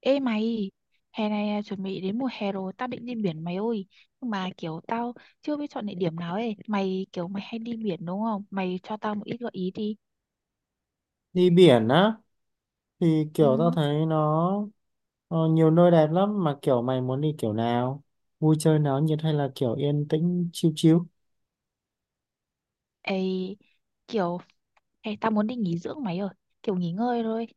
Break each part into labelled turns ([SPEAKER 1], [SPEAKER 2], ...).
[SPEAKER 1] Ê mày, hè này à, chuẩn bị đến mùa hè rồi, tao định đi biển mày ơi. Nhưng mà kiểu tao chưa biết chọn địa điểm nào ấy. Mày kiểu mày hay đi biển đúng không? Mày cho tao một ít gợi ý đi.
[SPEAKER 2] Đi biển á thì
[SPEAKER 1] Ừ,
[SPEAKER 2] kiểu tao thấy nó nhiều nơi đẹp lắm, mà kiểu mày muốn đi kiểu nào, vui chơi náo nhiệt hay là kiểu yên tĩnh chill chill?
[SPEAKER 1] ê, kiểu tao muốn đi nghỉ dưỡng mày ơi. Kiểu nghỉ ngơi thôi.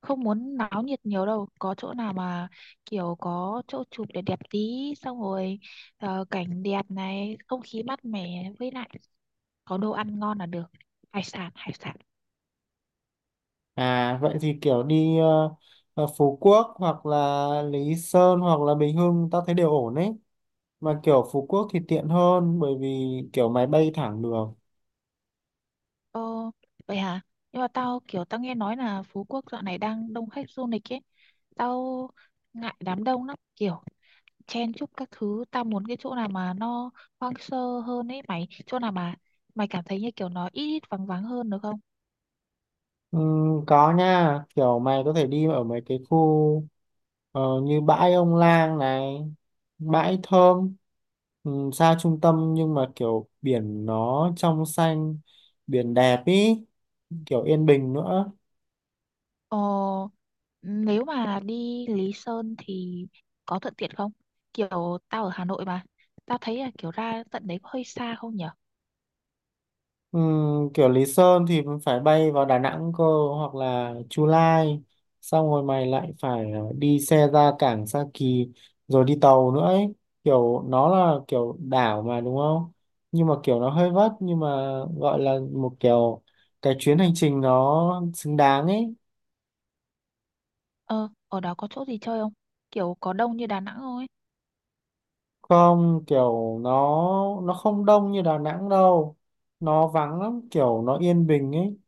[SPEAKER 1] Không muốn náo nhiệt nhiều đâu. Có chỗ nào mà kiểu có chỗ chụp để đẹp đẹp tí. Xong rồi cảnh đẹp này, không khí mát mẻ với lại có đồ ăn ngon là được. Hải sản, hải sản.
[SPEAKER 2] À vậy thì kiểu đi Phú Quốc hoặc là Lý Sơn hoặc là Bình Hưng, tao thấy đều ổn ấy. Mà kiểu Phú Quốc thì tiện hơn, bởi vì kiểu máy bay thẳng được.
[SPEAKER 1] Ờ, vậy hả? Nhưng mà tao kiểu tao nghe nói là Phú Quốc dạo này đang đông khách du lịch ấy. Tao ngại đám đông lắm, kiểu chen chúc các thứ. Tao muốn cái chỗ nào mà nó hoang sơ hơn ấy mày. Chỗ nào mà mày cảm thấy như kiểu nó ít ít vắng vắng hơn được không?
[SPEAKER 2] Ừ, có nha, kiểu mày có thể đi ở mấy cái khu như bãi Ông Lang này, bãi Thơm. Ừ, xa trung tâm nhưng mà kiểu biển nó trong xanh, biển đẹp ý, kiểu yên bình nữa.
[SPEAKER 1] Ờ, nếu mà đi Lý Sơn thì có thuận tiện không? Kiểu tao ở Hà Nội mà. Tao thấy là kiểu ra tận đấy có hơi xa không nhở?
[SPEAKER 2] Ừ, kiểu Lý Sơn thì mình phải bay vào Đà Nẵng cơ, hoặc là Chu Lai, xong rồi mày lại phải đi xe ra cảng Sa Kỳ, rồi đi tàu nữa ấy. Kiểu nó là kiểu đảo mà, đúng không? Nhưng mà kiểu nó hơi vất, nhưng mà gọi là một kiểu cái chuyến hành trình nó xứng đáng ấy.
[SPEAKER 1] Ờ, ở đó có chỗ gì chơi không? Kiểu có đông như Đà Nẵng không ấy?
[SPEAKER 2] Không kiểu nó không đông như Đà Nẵng đâu. Nó vắng lắm, kiểu nó yên bình ấy.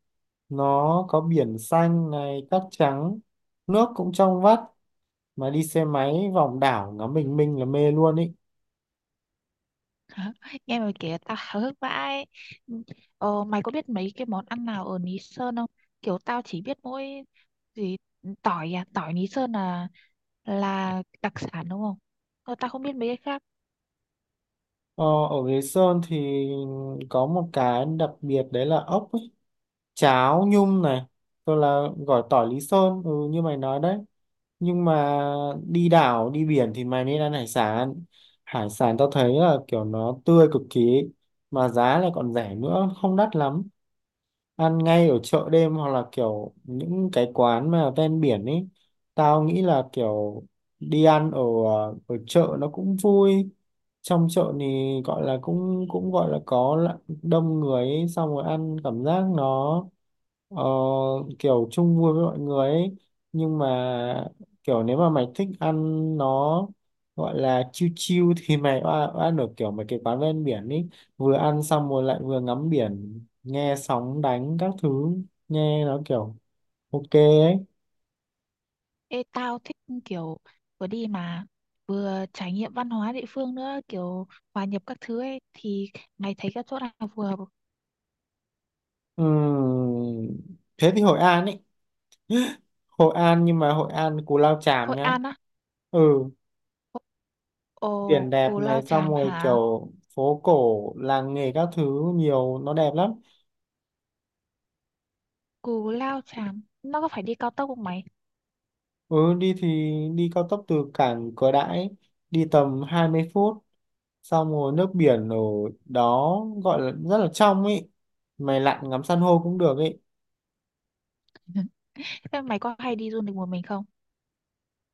[SPEAKER 2] Nó có biển xanh này, cát trắng, nước cũng trong vắt, mà đi xe máy vòng đảo ngắm bình minh là mê luôn ý.
[SPEAKER 1] Nghe mày kể tao háo hức vãi. Ờ, mày có biết mấy cái món ăn nào ở Lý Sơn không? Kiểu tao chỉ biết mỗi gì tỏi à, tỏi Lý Sơn là đặc sản đúng không? Ờ, tao không biết mấy cái khác.
[SPEAKER 2] ờ, Ở Lý Sơn thì có một cái đặc biệt đấy là ốc ấy, cháo nhum này, tôi là gỏi tỏi Lý Sơn, ừ, như mày nói đấy. Nhưng mà đi đảo đi biển thì mày nên ăn hải sản. Hải sản tao thấy là kiểu nó tươi cực kỳ ấy, mà giá lại còn rẻ nữa, không đắt lắm. Ăn ngay ở chợ đêm hoặc là kiểu những cái quán mà ven biển ấy. Tao nghĩ là kiểu đi ăn ở ở chợ nó cũng vui. Trong chợ thì gọi là cũng cũng gọi là có đông người ấy, xong rồi ăn cảm giác nó Ờ, kiểu chung vui với mọi người ấy. Nhưng mà kiểu nếu mà mày thích ăn nó gọi là chill chill thì mày ăn ở kiểu mấy cái quán ven biển ấy, vừa ăn xong rồi lại vừa ngắm biển nghe sóng đánh các thứ, nghe nó kiểu ok ấy.
[SPEAKER 1] Ê, tao thích kiểu vừa đi mà vừa trải nghiệm văn hóa địa phương nữa, kiểu hòa nhập các thứ ấy thì mày thấy các chỗ nào phù hợp?
[SPEAKER 2] Ừm, Thế thì Hội An ấy. Hội An, nhưng mà Hội An Cù Lao Chàm
[SPEAKER 1] Hội
[SPEAKER 2] nhá.
[SPEAKER 1] An á.
[SPEAKER 2] Ừ,
[SPEAKER 1] Ồ,
[SPEAKER 2] biển đẹp
[SPEAKER 1] Cù
[SPEAKER 2] này,
[SPEAKER 1] Lao
[SPEAKER 2] xong
[SPEAKER 1] Chàm
[SPEAKER 2] rồi
[SPEAKER 1] hả?
[SPEAKER 2] kiểu phố cổ làng nghề các thứ, nhiều nó đẹp lắm.
[SPEAKER 1] Cù Lao Chàm, nó có phải đi cao tốc không mày?
[SPEAKER 2] Ừ, đi thì đi cao tốc từ cảng Cửa Đãi, đi tầm 20 phút, xong rồi nước biển ở đó gọi là rất là trong ấy, mày lặn ngắm san hô cũng được ấy.
[SPEAKER 1] Thế mày có hay đi du lịch một mình không?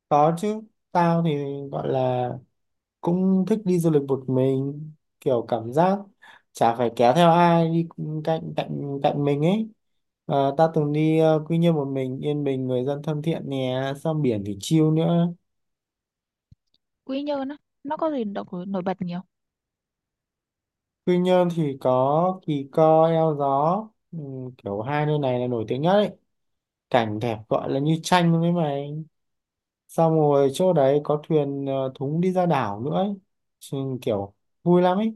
[SPEAKER 2] Có chứ, tao thì gọi là cũng thích đi du lịch một mình. Kiểu cảm giác chả phải kéo theo ai đi cạnh cạnh cạnh mình ấy. Tao từng đi Quy Nhơn một mình, yên bình, người dân thân thiện nè, xong biển thì chill nữa.
[SPEAKER 1] Quy Nhơn á, nó có gì độc nổi bật nhiều.
[SPEAKER 2] Quy Nhơn thì có Kỳ Co, Eo Gió, ừ, kiểu hai nơi này là nổi tiếng nhất ấy. Cảnh đẹp gọi là như tranh với mày. Xong rồi chỗ đấy có thuyền thúng đi ra đảo nữa ấy. Chứ. Kiểu vui lắm ấy.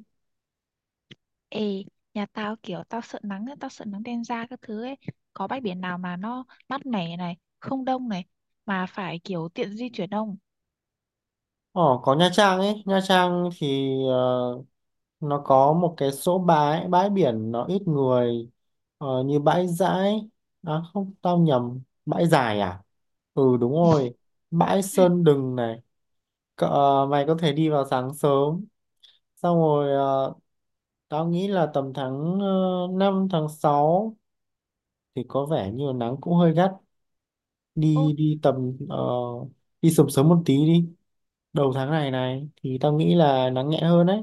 [SPEAKER 1] Ê, nhà tao kiểu tao sợ nắng, á, tao sợ nắng đen da các thứ ấy. Có bãi biển nào mà nó mát mẻ này, không đông này, mà phải kiểu tiện di chuyển không?
[SPEAKER 2] Ờ, có Nha Trang ấy. Nha Trang thì nó có một cái số bãi bãi biển nó ít người, như bãi Dãi, à không, tao nhầm, bãi Dài à? Ừ đúng rồi, bãi Sơn Đừng này. Cỡ, mày có thể đi vào sáng sớm, xong rồi tao nghĩ là tầm tháng 5, tháng 6 thì có vẻ như là nắng cũng hơi gắt. đi
[SPEAKER 1] Ô,
[SPEAKER 2] đi tầm ờ, đi sớm sớm một tí đi, đầu tháng này này thì tao nghĩ là nắng nhẹ hơn đấy.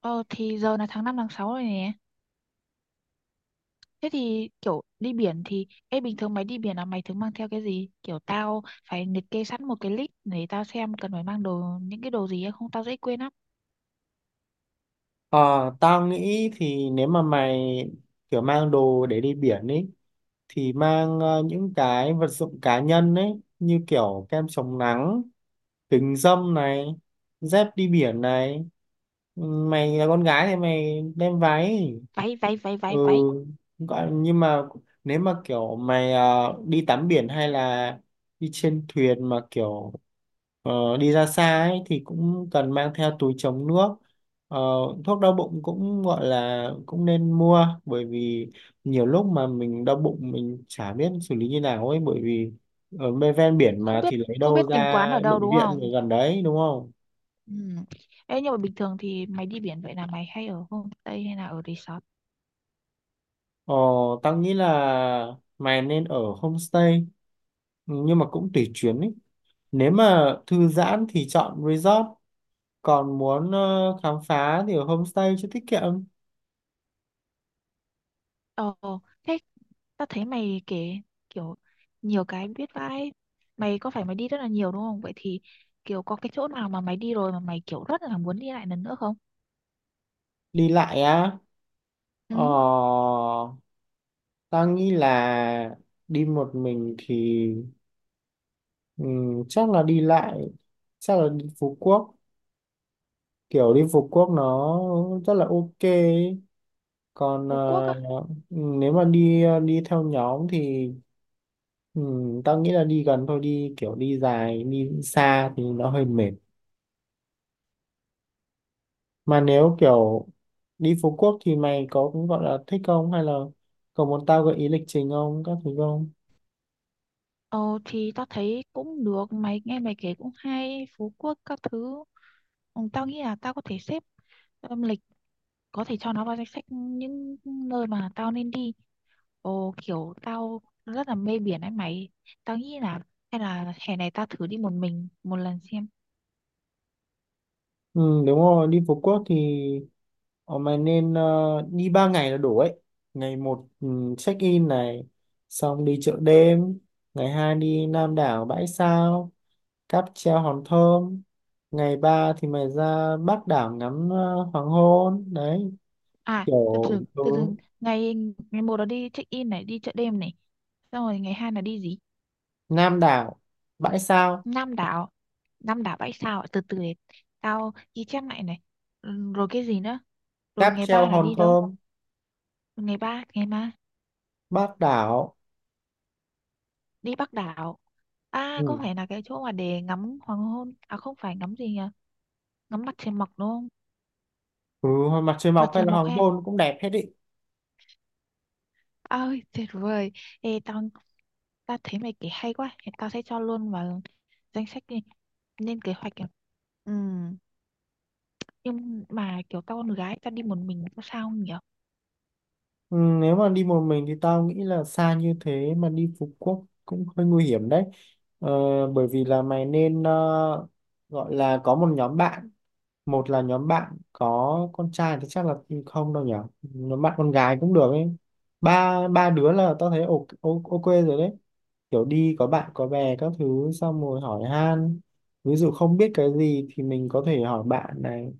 [SPEAKER 1] ờ, thì giờ là tháng 5 tháng 6 rồi nè. Thế thì kiểu đi biển thì, ê bình thường mày đi biển là mày thường mang theo cái gì? Kiểu tao phải liệt kê sẵn một cái list để tao xem cần phải mang đồ, những cái đồ gì ấy, không tao dễ quên lắm.
[SPEAKER 2] Ờ, tao nghĩ thì nếu mà mày kiểu mang đồ để đi biển ấy thì mang những cái vật dụng cá nhân ấy, như kiểu kem chống nắng, kính râm này, dép đi biển này. Ừ, mày là con gái thì mày đem váy.
[SPEAKER 1] Váy, váy, váy,
[SPEAKER 2] Ừ,
[SPEAKER 1] váy, váy.
[SPEAKER 2] nhưng mà nếu mà kiểu mày đi tắm biển hay là đi trên thuyền mà kiểu đi ra xa ấy, thì cũng cần mang theo túi chống nước. Ờ, thuốc đau bụng cũng gọi là cũng nên mua, bởi vì nhiều lúc mà mình đau bụng mình chả biết xử lý như nào ấy, bởi vì ở bên ven biển
[SPEAKER 1] Không
[SPEAKER 2] mà
[SPEAKER 1] biết,
[SPEAKER 2] thì lấy
[SPEAKER 1] không
[SPEAKER 2] đâu
[SPEAKER 1] biết tìm
[SPEAKER 2] ra
[SPEAKER 1] quán ở đâu
[SPEAKER 2] bệnh
[SPEAKER 1] đúng
[SPEAKER 2] viện ở
[SPEAKER 1] không?
[SPEAKER 2] gần đấy, đúng không?
[SPEAKER 1] Ừ. Ê, nhưng mà bình thường thì mày đi biển vậy là mày hay ở homestay hay là ở resort?
[SPEAKER 2] Ờ, tao nghĩ là mày nên ở homestay, nhưng mà cũng tùy chuyến ấy. Nếu mà thư giãn thì chọn resort, còn muốn khám phá thì ở homestay cho tiết kiệm.
[SPEAKER 1] Ồ, thế tao thấy mày kể kiểu nhiều cái biết vãi. Mày có phải mày đi rất là nhiều đúng không? Vậy thì kiểu có cái chỗ nào mà mày đi rồi mà mày kiểu rất là muốn đi lại lần nữa không?
[SPEAKER 2] Đi lại á? ờ,
[SPEAKER 1] Ừ,
[SPEAKER 2] Ta nghĩ là đi một mình thì chắc là đi lại, chắc là đi Phú Quốc. Kiểu đi Phú Quốc nó rất là ok ấy. Còn
[SPEAKER 1] Phú Quốc á.
[SPEAKER 2] nếu mà đi theo nhóm thì ta nghĩ là đi gần thôi, đi kiểu đi dài, đi xa thì nó hơi mệt. Mà nếu kiểu đi Phú Quốc thì mày có cũng gọi là thích không, hay là có muốn tao gợi ý lịch trình không các thứ không?
[SPEAKER 1] Ồ, thì tao thấy cũng được. Mày nghe mày kể cũng hay. Phú Quốc các thứ. Ừ, tao nghĩ là tao có thể xếp lịch có thể cho nó vào danh sách những nơi mà tao nên đi. Ồ, kiểu tao rất là mê biển ấy mày. Tao nghĩ là hay là hè này tao thử đi một mình một lần xem.
[SPEAKER 2] Ừ, đúng rồi. Đi Phú Quốc thì ờ, mày nên đi 3 ngày là đủ ấy. Ngày một, ừ, check in này, xong đi chợ đêm. Ngày hai đi Nam đảo, Bãi Sao, cáp treo Hòn Thơm. Ngày ba thì mày ra Bắc đảo ngắm hoàng hôn đấy,
[SPEAKER 1] À, từ
[SPEAKER 2] kiểu.
[SPEAKER 1] từ
[SPEAKER 2] Ừ,
[SPEAKER 1] từ từ ngày ngày một là đi check in này, đi chợ đêm này. Xong rồi ngày 2 là đi gì?
[SPEAKER 2] Nam đảo, Bãi Sao,
[SPEAKER 1] Nam đảo. Nam đảo bãi sao ạ? Từ từ để tao ghi chép lại này. Ừ, rồi cái gì nữa? Rồi
[SPEAKER 2] cáp
[SPEAKER 1] ngày
[SPEAKER 2] treo
[SPEAKER 1] ba là
[SPEAKER 2] Hòn
[SPEAKER 1] đi đâu?
[SPEAKER 2] Thơm,
[SPEAKER 1] Ngày ba
[SPEAKER 2] Bác đảo.
[SPEAKER 1] đi Bắc đảo. À, có
[SPEAKER 2] Ừ.
[SPEAKER 1] phải là cái chỗ mà để ngắm hoàng hôn? À không phải ngắm gì nhỉ? Ngắm mặt trời mọc đúng không?
[SPEAKER 2] Ừ, mặt trời
[SPEAKER 1] Mặt
[SPEAKER 2] mọc
[SPEAKER 1] trời
[SPEAKER 2] hay là
[SPEAKER 1] mọc
[SPEAKER 2] hoàng
[SPEAKER 1] hay
[SPEAKER 2] hôn cũng đẹp hết ý.
[SPEAKER 1] Ôi, tuyệt vời. Ê, tao thấy mày kể hay quá. Thì tao sẽ cho luôn vào danh sách đi. Lên kế hoạch. Ừ. Nhưng mà kiểu tao con gái, tao đi một mình có sao không nhỉ?
[SPEAKER 2] Ừ, nếu mà đi một mình thì tao nghĩ là xa như thế mà đi Phú Quốc cũng hơi nguy hiểm đấy. ờ, Bởi vì là mày nên gọi là có một nhóm bạn. Một là nhóm bạn có con trai thì chắc là không đâu nhỉ. Nhóm bạn con gái cũng được ấy, ba ba đứa là tao thấy ok ok rồi đấy. Kiểu đi có bạn có bè các thứ, xong rồi hỏi han, ví dụ không biết cái gì thì mình có thể hỏi bạn này,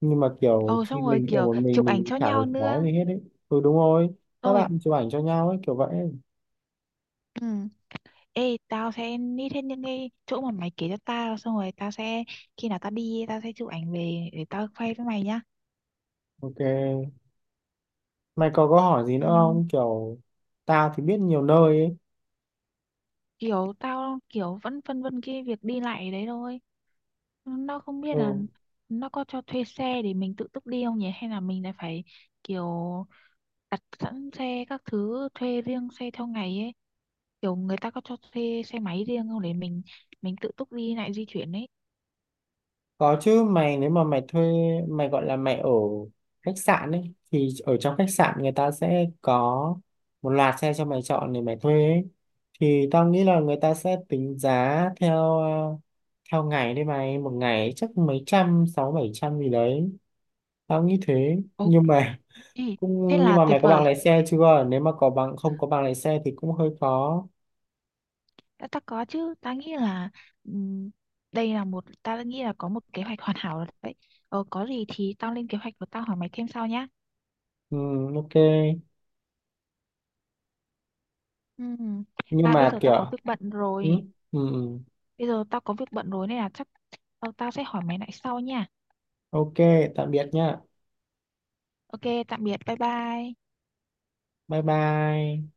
[SPEAKER 2] nhưng mà kiểu
[SPEAKER 1] Ồ,
[SPEAKER 2] khi
[SPEAKER 1] xong rồi
[SPEAKER 2] mình ở
[SPEAKER 1] kiểu
[SPEAKER 2] một
[SPEAKER 1] chụp ảnh
[SPEAKER 2] mình
[SPEAKER 1] cho
[SPEAKER 2] chả
[SPEAKER 1] nhau
[SPEAKER 2] đối phó
[SPEAKER 1] nữa.
[SPEAKER 2] gì hết đấy. Ừ đúng rồi, các
[SPEAKER 1] Xong rồi.
[SPEAKER 2] bạn chụp ảnh cho nhau ấy, kiểu vậy.
[SPEAKER 1] Ừ. Ê, tao sẽ nít hết những cái chỗ mà mày kể cho tao. Xong rồi tao sẽ, khi nào tao đi, tao sẽ chụp ảnh về để tao khoe với mày nhá.
[SPEAKER 2] Ok, mày có hỏi gì
[SPEAKER 1] Ừ,
[SPEAKER 2] nữa không, kiểu tao thì biết nhiều nơi ấy.
[SPEAKER 1] kiểu tao kiểu vẫn phân vân cái việc đi lại đấy thôi, nó không biết là
[SPEAKER 2] Ừ.
[SPEAKER 1] nó có cho thuê xe để mình tự túc đi không nhỉ, hay là mình lại phải kiểu đặt sẵn xe các thứ thuê riêng xe theo ngày ấy, kiểu người ta có cho thuê xe máy riêng không để mình tự túc đi lại di chuyển ấy.
[SPEAKER 2] Có chứ mày. Nếu mà mày thuê, mày gọi là mày ở khách sạn ấy, thì ở trong khách sạn người ta sẽ có một loạt xe cho mày chọn để mày thuê ấy. Thì tao nghĩ là người ta sẽ tính giá theo theo ngày đấy. Mày một ngày chắc mấy trăm, sáu bảy trăm gì đấy, tao nghĩ thế. Nhưng
[SPEAKER 1] Ok,
[SPEAKER 2] mà
[SPEAKER 1] thế
[SPEAKER 2] cũng nhưng
[SPEAKER 1] là
[SPEAKER 2] mà
[SPEAKER 1] tuyệt
[SPEAKER 2] mày có bằng
[SPEAKER 1] vời.
[SPEAKER 2] lái xe chưa? Nếu mà có bằng, không có bằng lái xe thì cũng hơi khó.
[SPEAKER 1] Đã ta có chứ, ta nghĩ là ừm, đây là một ta nghĩ là có một kế hoạch hoàn hảo rồi đấy. Có gì thì tao lên kế hoạch và tao hỏi mày thêm sau nhá.
[SPEAKER 2] Ừ, ok.
[SPEAKER 1] Ừm.
[SPEAKER 2] Nhưng
[SPEAKER 1] À bây
[SPEAKER 2] mà
[SPEAKER 1] giờ
[SPEAKER 2] kiểu
[SPEAKER 1] tao có việc bận
[SPEAKER 2] ừ,
[SPEAKER 1] rồi.
[SPEAKER 2] ừ, ừ.
[SPEAKER 1] Bây giờ tao có việc bận rồi nên là chắc tao sẽ hỏi mày lại sau nha.
[SPEAKER 2] Ok, tạm biệt nhá.
[SPEAKER 1] Ok, tạm biệt, bye bye.
[SPEAKER 2] Bye bye.